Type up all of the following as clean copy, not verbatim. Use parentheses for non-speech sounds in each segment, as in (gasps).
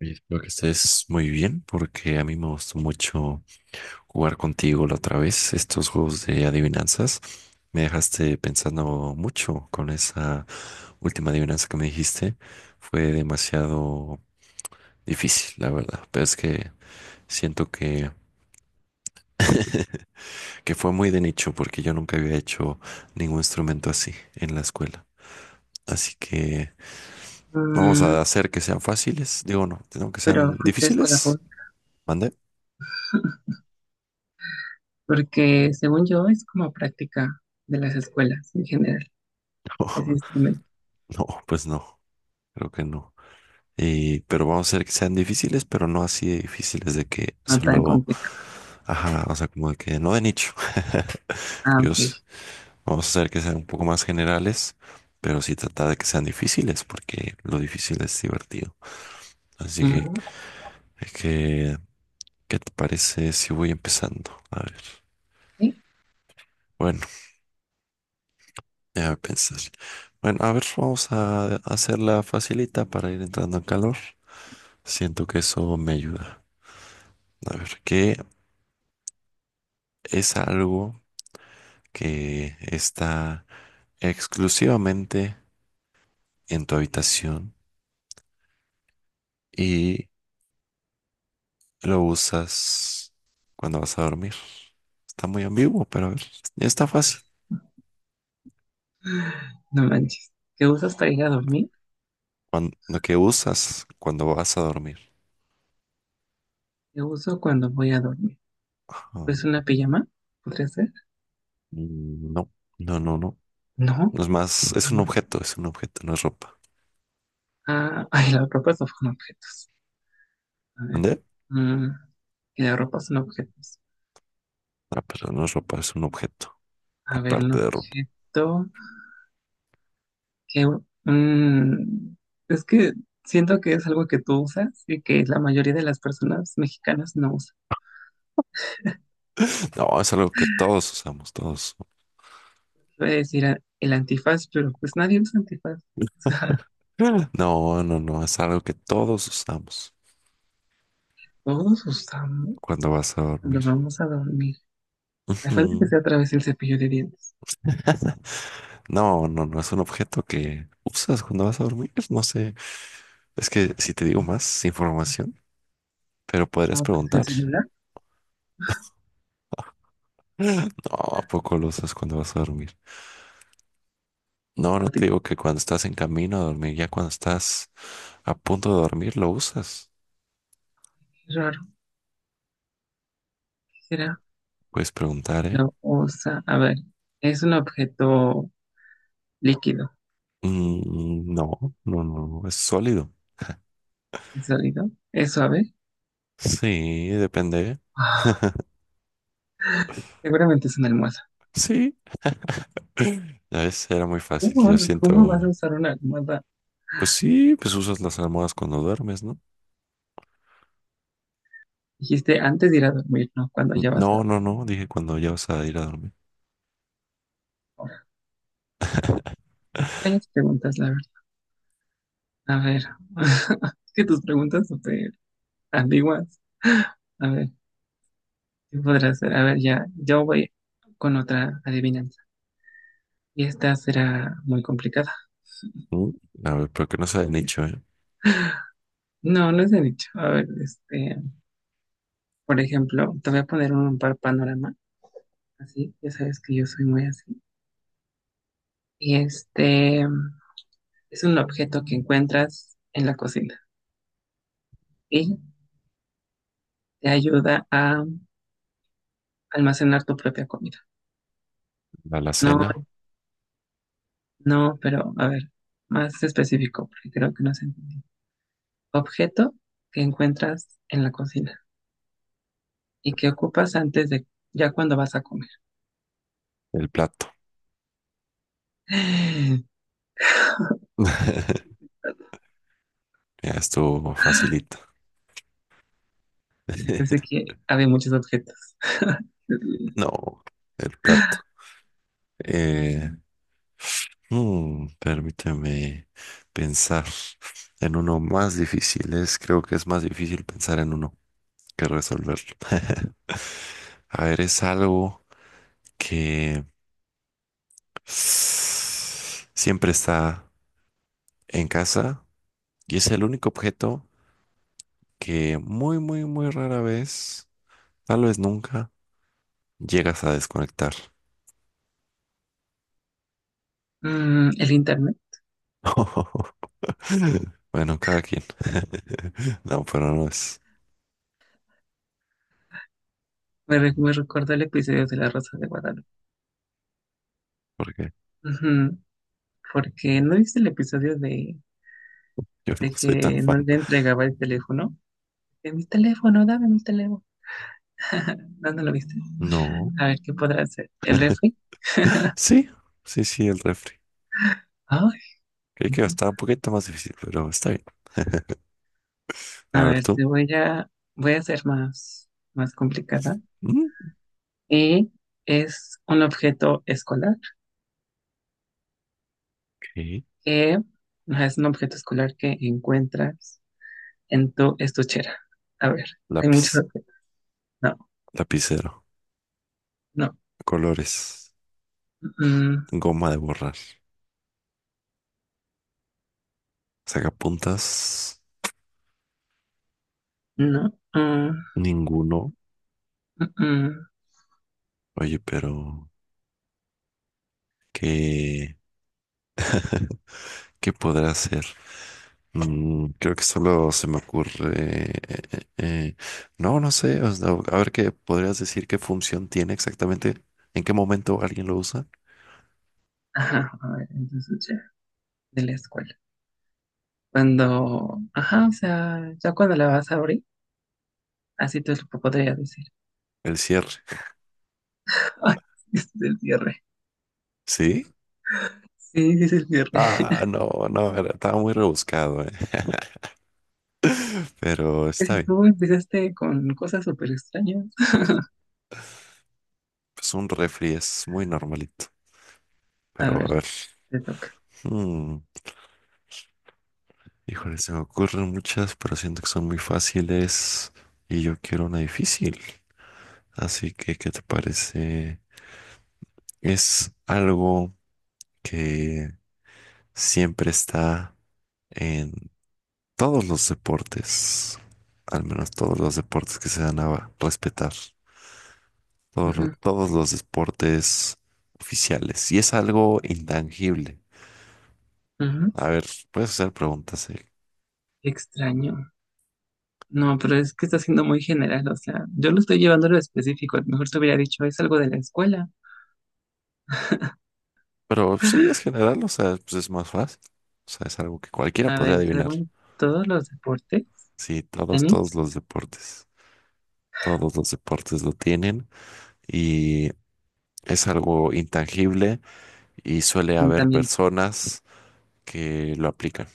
Y espero que estés muy bien porque a mí me gustó mucho jugar contigo la otra vez, estos juegos de adivinanzas. Me dejaste pensando mucho con esa última adivinanza que me dijiste. Fue demasiado difícil, la verdad. Pero es que siento que fue muy de nicho porque yo nunca había hecho ningún instrumento así en la escuela. Así que vamos Mm, a hacer que sean fáciles. Digo, no, tengo que pero sean fuiste a escuela difíciles. pública, ¿Mande? porque según yo es como práctica de las escuelas en general, ese (laughs) instrumento, No, pues no, creo que no. Y, pero vamos a hacer que sean difíciles, pero no así de difíciles de que no tan solo, complicado. ajá, o sea, como de que no de nicho. (laughs) Ah, ok. Dios, vamos a hacer que sean un poco más generales, pero sí trata de que sean difíciles, porque lo difícil es divertido. Así que, Ujú. es que, ¿qué te parece si voy empezando? A ver, Sí, bueno, déjame pensar. Bueno, a ver, vamos a hacerla facilita para ir entrando en calor. Siento que eso me ayuda. A ver, ¿qué es algo que está exclusivamente en tu habitación y lo usas cuando vas a dormir? Está muy ambiguo, pero a ver, está fácil. no manches. ¿Qué usas para ir a dormir? Cuan- lo que usas cuando vas a dormir. ¿Qué uso cuando voy a dormir? Ajá. Pues una pijama, ¿podría ser? No, no, no, no. No, Es más, pijama. Es un objeto, no es ropa. Ah, (laughs) ay, la ropa son objetos. A ver. ¿Dónde? Mm, y la ropa son objetos. Ah, pero no es ropa, es un objeto. A ver, un Aparte de ropa. objeto. que mm, es que siento que es algo que tú usas y que la mayoría de las personas mexicanas no usan. No, es algo que todos usamos, todos. Voy a decir el antifaz, pero pues nadie usa antifaz. (laughs) Ah. No, no, no, es algo que todos usamos O sea, todos usamos cuando vas a cuando dormir. vamos a dormir. A falta que sea a (laughs) través del cepillo de dientes. Ujú. No, no, no es un objeto que usas cuando vas a dormir. No sé. Es que si te digo No, más información, pero podrías ah, pues el preguntar. celular, No, ¿a poco lo usas cuando vas a dormir? No, un no te ratito, digo que cuando estás en camino a dormir, ya cuando estás a punto de dormir, lo usas. qué raro, ¿qué será? Puedes preguntar, ¿eh? Lo usa, a ver, es un objeto líquido, No, no, no, es sólido. es sólido, es suave. Sí, depende. Ah, seguramente es una almohada. Sí. (clears throat) Ya ves, era muy fácil. ¿Cómo, Yo cómo vas a siento, usar una almohada? pues sí, pues usas las almohadas cuando duermes, ¿no? Dijiste antes de ir a dormir, ¿no? Cuando ya vas No, a no, no, dije cuando ya vas a ir a dormir. dormir. Varias preguntas, la verdad. A ver, (laughs) es que tus preguntas son súper ambiguas. A ver, ¿qué podrá ser? A ver, ya, yo voy con otra adivinanza. Y esta será muy complicada. Mm. A ver, pero que no se hayan dicho, ¿eh? No, no es de dicho. A ver, este, por ejemplo, te voy a poner un par panorama, así, ya sabes que yo soy muy así. Y este es un objeto que encuentras en la cocina y te ayuda a almacenar tu propia comida. La No, alacena, no, pero a ver, más específico, porque creo que no se entendió. Objeto que encuentras en la cocina y que ocupas antes de, ya cuando vas a comer. el plato. (gasps) (sighs) (laughs) Ya estuvo facilito. Yo sé (laughs) que había muchos objetos. (laughs) No, el plato. Eh, permíteme pensar en uno más difícil. Es, creo que es más difícil pensar en uno que resolverlo. A ver, es algo que siempre está en casa y es el único objeto que muy, muy, muy rara vez, tal vez nunca, llegas a desconectar. Mm, el internet. (laughs) Bueno, cada quien. (laughs) No, pero no es Me recordó el episodio de La Rosa de Guadalupe. porque Ujú, porque no viste el episodio yo no de soy tan que no fan. le entregaba el teléfono. De mi teléfono, dame mi teléfono. (laughs) No, no lo viste. No. A ver, ¿qué podrá hacer? ¿El refri? Sí, sí, sí, el refri. Ay, Creí que estaba un poquito más difícil, pero está bien. A a ver ver, tú. Voy a hacer más complicada. Mm, ok. Y es un objeto escolar que ajá, es un objeto escolar que encuentras en tu estuchera. A ver, hay muchos Lápiz, objetos. No, lapicero, no, colores, mm, goma de borrar, sacapuntas, no, mm, ninguno. mm. Oye, pero ¿qué? (laughs) ¿Qué podrá hacer? Mm, creo que solo se me ocurre... no, no sé. O sea, a ver qué podrías decir qué función tiene exactamente. ¿En qué momento alguien lo usa? Ajá, a ver, en tu estuchera de la escuela. Cuando, ajá, o sea, ya cuando la vas a abrir, así te lo podría decir. El cierre. (laughs) Ay, este es el cierre. ¿Sí? Sí, este es el cierre. Ah, no, no, estaba muy rebuscado, eh. (laughs) Pero está Casi bien. tú empezaste con cosas súper extrañas. Es un refri, es muy normalito. A Pero a ver, ver. te toca. mm, Híjole, se me ocurren muchas, pero siento que son muy fáciles. Y yo quiero una difícil. Así que, ¿qué te parece? Es algo que siempre está en todos los deportes, al menos todos los deportes que se dan a respetar, todos, Ujú, todos los deportes oficiales. Y es algo intangible. ujú. A ver, puedes hacer preguntas, eh. Extraño. No, pero es que está siendo muy general, o sea, yo lo estoy llevando a lo específico. A lo mejor te hubiera dicho, es algo de la escuela. Pero sí, es general, o sea, pues es más fácil. O sea, es algo que cualquiera A podría ver, es adivinar. algo en todos los deportes. Sí, todos, Tenis, todos los deportes lo tienen y es algo intangible y suele haber calentamiento. personas que lo aplican.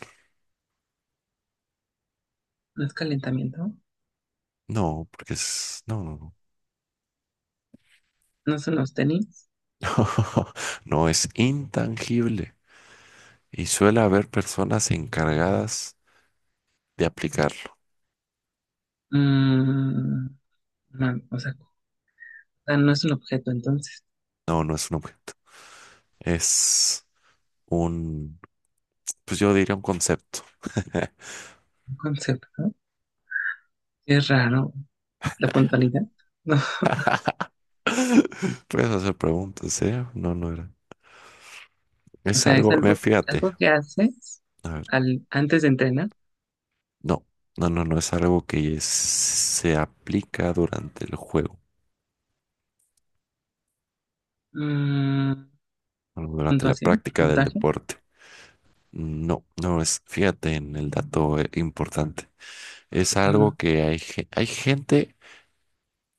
¿No es calentamiento? No, porque es, no, no, ¿No son los tenis? no, (laughs) no es intangible y suele haber personas encargadas de aplicarlo. Mm, no, o sea, ah, no es un objeto, entonces, No, no es un objeto, es un, pues yo diría un concepto. (laughs) un concepto. Es raro. La puntualidad. (laughs) No. Puedes hacer preguntas, ¿eh? No, no era. O Es sea, es algo, mira, algo, fíjate, algo que haces a ver, al, antes de entrenar. no, no, no, no es algo que se aplica durante el juego, Mm, o durante la puntuación, práctica del puntaje. deporte. No, no es, fíjate en el dato importante. Es algo Mm, que hay, hay gente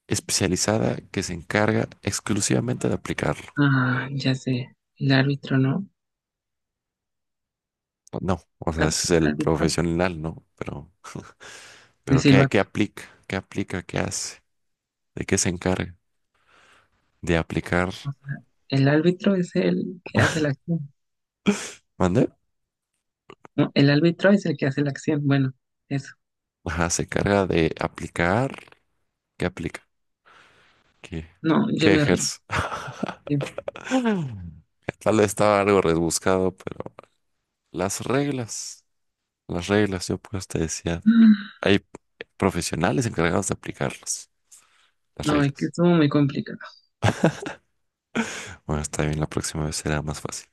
especializada que se encarga exclusivamente de aplicarlo. ah, ya sé. El árbitro, ¿no? No, o sea, Ar- ese es el árbitro. profesional, ¿no? El Pero ¿qué, qué silbato. aplica? ¿Qué aplica? ¿Qué hace? ¿De qué se encarga? De aplicar. O sea, el árbitro es el que hace la acción. ¿Mande? No, el árbitro es el que hace la acción. Bueno, eso. Ajá, se encarga de aplicar. ¿Qué aplica? ¿Qué, No, yo qué me rindo. ejerce? (laughs) Sí. Tal vez estaba algo rebuscado, pero las reglas, las reglas, yo pues te decía. (gasps) Hay profesionales encargados de aplicarlos, las No, es que reglas. estuvo muy complicado. Bueno, está bien, la próxima vez será más fácil.